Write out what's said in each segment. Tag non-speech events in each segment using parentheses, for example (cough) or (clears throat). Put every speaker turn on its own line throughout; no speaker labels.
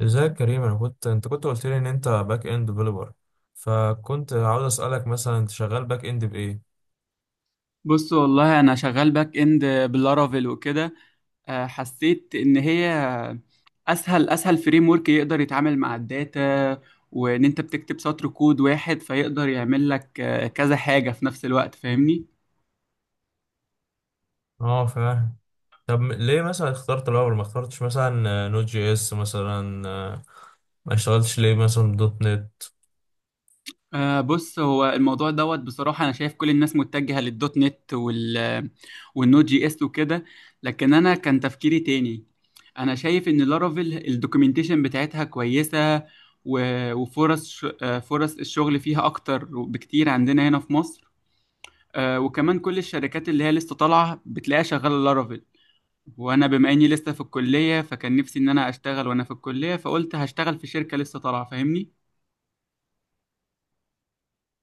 ازيك يا كريم؟ انا كنت، انت كنت قلت لي ان انت باك اند ديفلوبر، فكنت عاوز اسالك مثلا انت شغال باك اند بايه؟
بص والله انا شغال باك اند باللارافيل وكده. حسيت ان هي اسهل فريم ورك يقدر يتعامل مع الداتا، وان انت بتكتب سطر كود واحد فيقدر يعمل لك كذا حاجة في نفس الوقت فاهمني.
اه، فاهم. طب ليه مثلا اخترت الاول؟ ما اخترتش مثلا نوت جي اس مثلا؟ ما اشتغلتش ليه مثلا دوت نت؟
بص، هو الموضوع دوت بصراحة. أنا شايف كل الناس متجهة للدوت نت والنود جي اس وكده، لكن أنا كان تفكيري تاني. أنا شايف إن لارافيل الدوكيومنتيشن بتاعتها كويسة، وفرص فرص الشغل فيها أكتر بكتير عندنا هنا في مصر. وكمان كل الشركات اللي هي لسه طالعة بتلاقيها شغالة لارافيل. وأنا بما إني لسه في الكلية، فكان نفسي إن أنا أشتغل وأنا في الكلية، فقلت هشتغل في شركة لسه طالعة فاهمني؟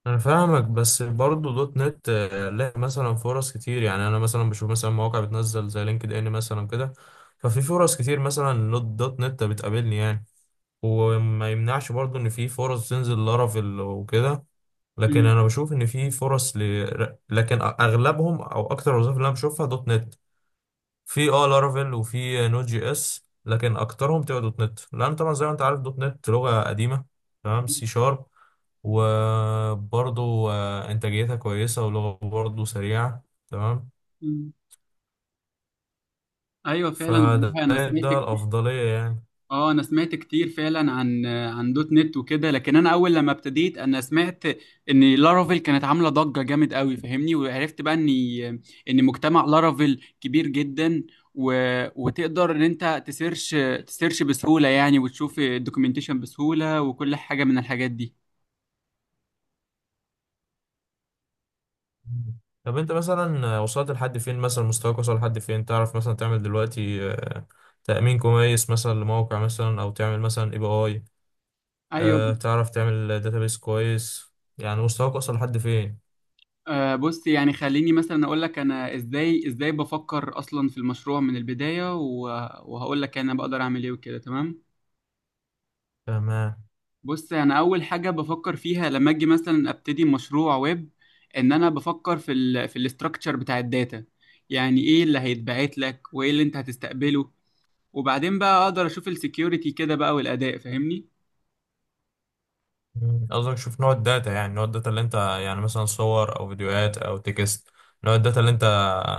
انا فاهمك، بس برضه دوت نت لها مثلا فرص كتير، يعني انا مثلا بشوف مثلا مواقع بتنزل زي لينكد ان مثلا كده. ففي فرص كتير مثلا دوت نت بتقابلني يعني. وما يمنعش برضو ان في فرص تنزل لارافيل وكده، لكن انا بشوف ان في لكن اغلبهم او اكتر الوظائف اللي انا بشوفها دوت نت. في اه لارافيل وفي نوت جي اس، لكن اكترهم تبقى دوت نت، لان طبعا زي ما انت عارف دوت نت لغة قديمة، تمام، سي شارب. وبرضو انتاجيتها كويسة ولغة برضو سريعة، تمام.
مم. ايوه فعلا،
فده
والله انا سمعت
ده
كتير.
الافضلية يعني.
اه انا سمعت كتير فعلا عن دوت نت وكده، لكن انا اول لما ابتديت انا سمعت ان لارافيل كانت عامله ضجه جامد قوي فاهمني. وعرفت بقى ان مجتمع لارافيل كبير جدا، و... وتقدر ان انت تسيرش بسهوله يعني، وتشوف الدوكيومنتيشن بسهوله وكل حاجه من الحاجات دي.
مم. طب انت مثلا وصلت لحد فين؟ مثلا مستواك وصل لحد فين؟ تعرف مثلا تعمل دلوقتي تأمين كويس مثلا لموقع، مثلا او تعمل مثلا اي بي اي؟
ايوه.
تعرف تعمل داتابيس كويس؟ يعني مستواك وصل لحد فين؟
بص، يعني خليني مثلا اقول لك انا ازاي بفكر اصلا في المشروع من البدايه، وهقول لك انا بقدر اعمل ايه وكده تمام.
تمام.
بص، انا اول حاجه بفكر فيها لما اجي مثلا ابتدي مشروع ويب ان انا بفكر في الاستراكشر بتاع الداتا. يعني ايه اللي هيتبعت لك وايه اللي انت هتستقبله، وبعدين بقى اقدر اشوف السكيورتي كده بقى والاداء فاهمني.
مم. قصدك شوف نوع الداتا، يعني نوع الداتا اللي انت يعني مثلا صور او فيديوهات او تكست. نوع الداتا اللي انت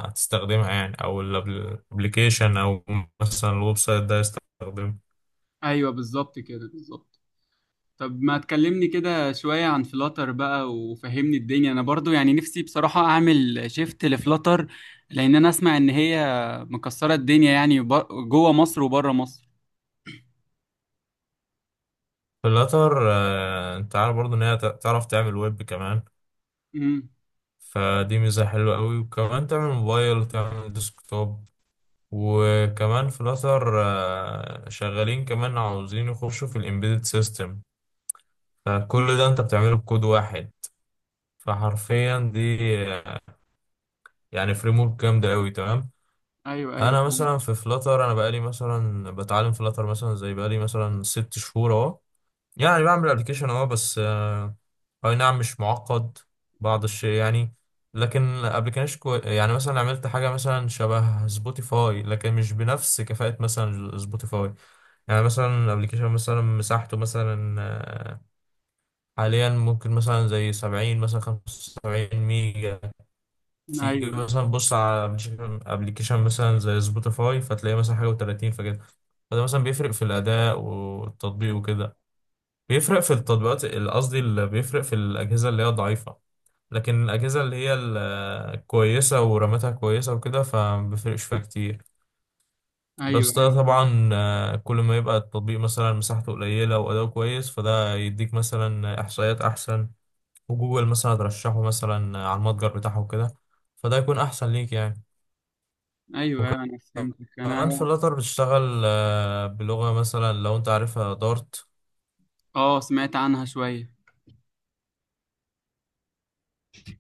هتستخدمها يعني، او الابلكيشن، او مثلا الويب سايت ده يستخدمه.
ايوه بالظبط كده بالظبط. طب ما تكلمني كده شويه عن فلاتر بقى وفهمني الدنيا، انا برضو يعني نفسي بصراحه اعمل شيفت لفلاتر، لان انا اسمع ان هي مكسره الدنيا يعني جوه مصر وبره مصر.
في الاخر انت عارف برضه ان هي تعرف تعمل ويب كمان،
امم.
فدي ميزة حلوة قوي. وكمان تعمل موبايل وتعمل ديسكتوب، وكمان فلاتر شغالين كمان عاوزين يخشوا في الامبيدد سيستم. فكل ده انت بتعمله بكود واحد. فحرفيا دي آه، يعني فريم ورك جامدة قوي، تمام.
ايوه، ايوه،
انا مثلا في فلاتر، انا بقالي مثلا بتعلم فلاتر مثلا زي، بقالي مثلا ست شهور اهو، يعني بعمل ابلكيشن اه، بس اي نعم، مش معقد بعض الشيء يعني. لكن يعني مثلا عملت حاجه مثلا شبه سبوتيفاي، لكن مش بنفس كفاءه مثلا سبوتيفاي. يعني مثلا ابلكيشن مثلا مساحته مثلا حاليا ممكن مثلا زي 70، مثلا 75 ميجا. تيجي
ايوه،
مثلا بص على ابلكيشن مثلا زي سبوتيفاي فتلاقي مثلا حاجه و30، فكده. فده مثلا بيفرق في الاداء والتطبيق وكده، بيفرق في التطبيقات قصدي بيفرق في الأجهزة اللي هي ضعيفة. لكن الأجهزة اللي هي الكويسة ورامتها كويسة وكده فما بيفرقش فيها كتير.
ايوه،
بس ده
ايوه،
طبعا كل ما يبقى التطبيق مثلا مساحته قليلة وأداؤه كويس، فده يديك مثلا إحصائيات أحسن، وجوجل مثلا ترشحه مثلا على المتجر بتاعه وكده، فده يكون أحسن ليك يعني.
ايوه، ايوه انا فهمتك، انا
وكمان في الأتر بتشتغل بلغة مثلا لو أنت عارفها، دارت.
اه سمعت عنها شويه.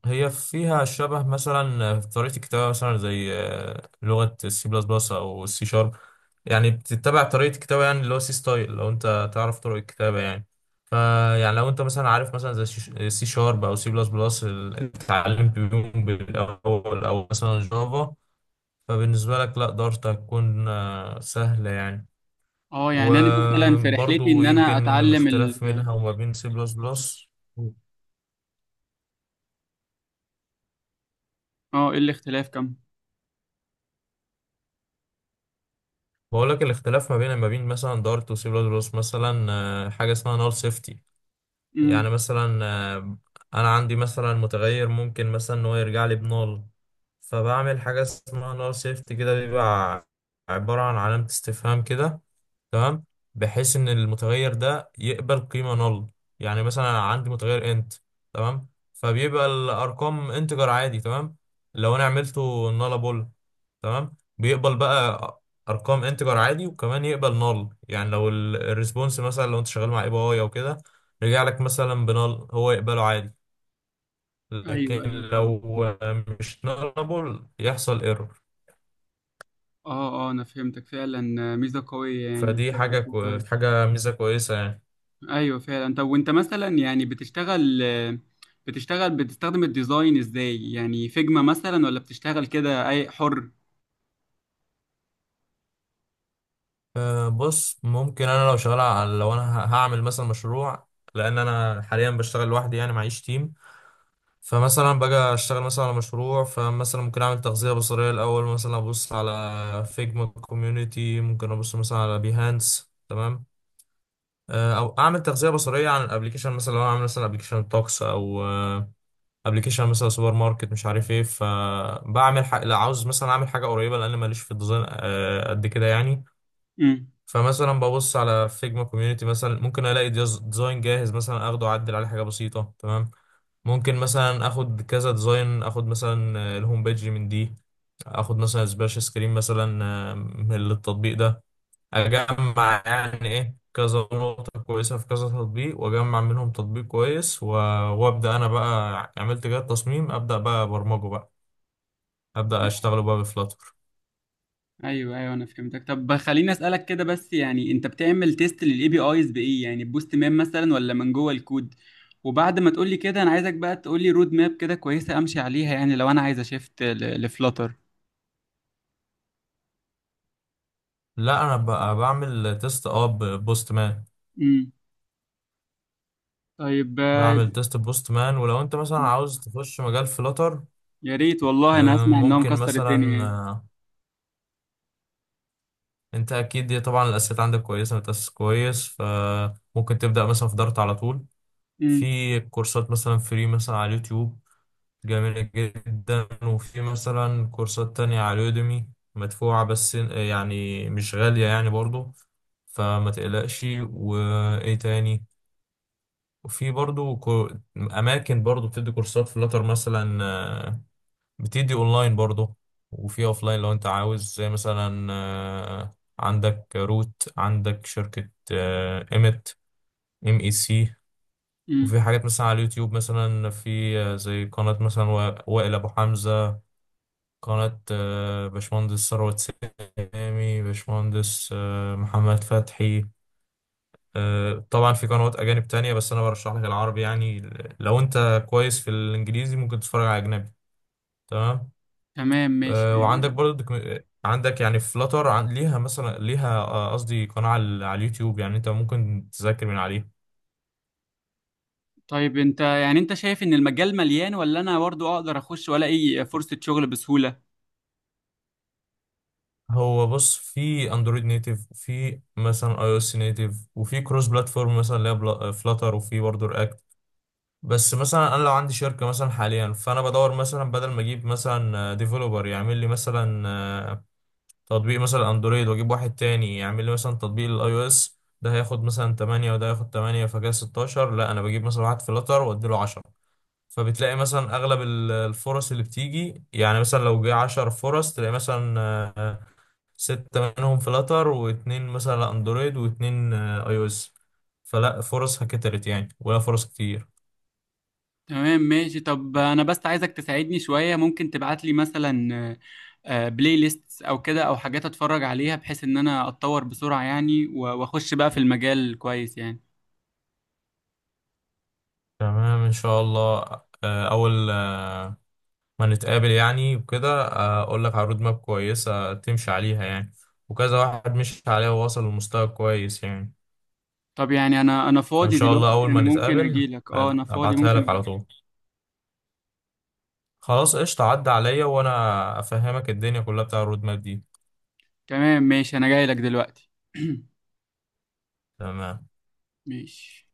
هي فيها شبه مثلا في طريقة الكتابة مثلا زي لغة السي بلس بلس أو السي شارب. يعني بتتبع طريقة الكتابة يعني، اللي هو سي ستايل، لو أنت تعرف طرق الكتابة يعني. فيعني لو أنت مثلا عارف مثلا زي سي شارب أو سي بلس بلس، اللي اتعلمت بيهم بالأول، أو مثلا جافا، فبالنسبة لك لا دارت هتكون سهلة يعني.
اه يعني انا مثلا في رحلتي
وبرضو
ان انا
يمكن
اتعلم
الاختلاف منها وما بين سي بلس بلس،
اه ايه الاختلاف كم؟
بقول لك الاختلاف ما بين، ما بين مثلا دارت وسي بلس بلس مثلا حاجه اسمها نال سيفتي.
امم.
يعني مثلا آه، انا عندي مثلا متغير ممكن مثلا ان هو يرجع لي بنول، فبعمل حاجه اسمها نول شيفت كده، بيبقى عباره عن علامه استفهام كده، تمام، بحيث ان المتغير ده يقبل قيمه نل. يعني مثلا أنا عندي متغير انت، تمام، فبيبقى الارقام انتجر عادي، تمام. لو انا عملته نلابل، تمام، بيقبل بقى ارقام انتجر عادي، وكمان يقبل نل. يعني لو الريسبونس مثلا، لو انت شغال مع اي بي اي او كده، رجع لك مثلا بنال هو يقبله عادي.
ايوه
لكن
ايوه فهمت.
لو مش نالبل يحصل ايرور.
اه اه انا فهمتك فعلا. ميزه قويه يعني.
فدي
طيب،
حاجة ميزة كويسة يعني.
ايوه فعلا. طب وانت مثلا يعني بتشتغل بتستخدم الديزاين ازاي، يعني فيجما مثلا ولا بتشتغل كده اي حر؟
أه، بص، ممكن انا لو شغال على، لو انا هعمل مثلا مشروع، لان انا حاليا بشتغل لوحدي يعني، معيش تيم. فمثلا باجي اشتغل مثلا على مشروع، فمثلا ممكن اعمل تغذية بصرية الاول، مثلا ابص على فيجما كوميونيتي، ممكن ابص مثلا على بيهانس، تمام. او اعمل تغذية بصرية عن الابليكيشن، مثلا لو انا عامل مثلا ابليكيشن توكس، او ابلكيشن مثلا سوبر ماركت مش عارف ايه، فبعمل حاجه، لا عاوز مثلا اعمل حاجه قريبه، لان ماليش في الديزاين قد كده يعني.
امم.
فمثلا ببص على فيجما كوميونتي مثلا، ممكن الاقي ديزاين جاهز مثلا، اخده اعدل عليه حاجه بسيطه، تمام. ممكن مثلا اخد كذا ديزاين، اخد مثلا الهوم بيج من دي، اخد مثلا سبلاش سكرين مثلا من التطبيق ده، اجمع يعني ايه كذا نقطة كويسة في كذا تطبيق، واجمع منهم تطبيق كويس وابدا انا بقى، عملت كده تصميم، ابدا بقى برمجه بقى، ابدا اشتغله بقى بفلاتر.
ايوه ايوه انا فهمتك. طب خليني اسالك كده بس، يعني انت بتعمل تيست للاي بي ايز بايه، يعني بوست ماب مثلا ولا من جوه الكود؟ وبعد ما تقولي كده انا عايزك بقى تقولي رود ماب كده كويسه امشي عليها، يعني لو انا عايز اشفت لفلاتر.
لا انا بقى بعمل تيست اه، بوست مان.
امم. طيب،
بعمل تيست بوست مان. ولو انت مثلا عاوز تخش مجال فلاتر،
يا ريت والله انا اسمع ان هو
ممكن
مكسر
مثلا
الدنيا يعني.
انت اكيد دي طبعا الاساسيات عندك كويسة، متأسس كويس، فممكن تبدا مثلا في دارت على طول.
امم.
في كورسات مثلا فري مثلا على اليوتيوب، جميلة جدا، وفي مثلا كورسات تانية على يوديمي، مدفوعة بس يعني مش غالية يعني برضو، فما تقلقش. وإيه تاني؟ وفي برضو أماكن برضو بتدي كورسات فلاتر مثلا بتدي أونلاين برضو، وفي أوفلاين لو أنت عاوز، زي مثلا عندك روت، عندك شركة إيمت، إم إي سي.
امم.
وفي حاجات مثلا على اليوتيوب، مثلا في زي قناة مثلا وائل أبو حمزة، قناة باشمهندس ثروت، سامي، باشمهندس محمد فتحي. طبعا في قنوات أجانب تانية، بس أنا برشح لك العربي يعني. لو أنت كويس في الإنجليزي ممكن تتفرج على أجنبي، تمام.
تمام ماشي.
وعندك برضه عندك يعني فلاتر عن ليها مثلا، ليها قصدي قناة على على اليوتيوب، يعني أنت ممكن تذاكر من عليها.
طيب انت يعني انت شايف ان المجال مليان ولا انا برضو اقدر اخش ولا اي فرصه شغل بسهوله؟
هو بص، في اندرويد نيتيف، وفي مثلا اي او اس نيتيف، وفي كروس بلاتفورم مثلا اللي هي فلاتر، وفي برضه رياكت. بس مثلا انا لو عندي شركه مثلا حاليا، فانا بدور مثلا بدل ما اجيب مثلا ديفلوبر يعمل لي مثلا تطبيق مثلا اندرويد، واجيب واحد تاني يعمل لي مثلا تطبيق الاي او اس، ده هياخد مثلا 8 وده هياخد 8 فكده 16، لا انا بجيب مثلا واحد فلاتر واديله 10. فبتلاقي مثلا اغلب الفرص اللي بتيجي، يعني مثلا لو جه 10 فرص تلاقي مثلا آه، 6 منهم فلاتر، واتنين مثلا اندرويد، واتنين اي او اس. فلا فرصها كترت يعني، ولا فرص كتير.
تمام ماشي. طب انا بس عايزك تساعدني شوية، ممكن تبعت لي مثلا بلاي ليست او كده او حاجات اتفرج عليها بحيث ان انا اتطور بسرعة يعني، واخش بقى في المجال كويس يعني.
تمام ان شاء الله. اول ما نتقابل يعني وكده اقول لك على رود ماب كويسه تمشي عليها يعني، وكذا واحد مشي عليها ووصل لمستوى كويس يعني.
طب يعني انا
فان
فاضي
شاء الله
دلوقتي،
اول
انا
ما
ممكن
نتقابل،
اجي لك. اه انا فاضي
ابعتها
ممكن
لك
أجيلك.
على طول. خلاص، قشطه، عدى عليا وانا افهمك الدنيا كلها بتاع الرود ماب دي.
تمام ماشي، انا جاي لك دلوقتي.
تمام.
(clears throat) ماشي.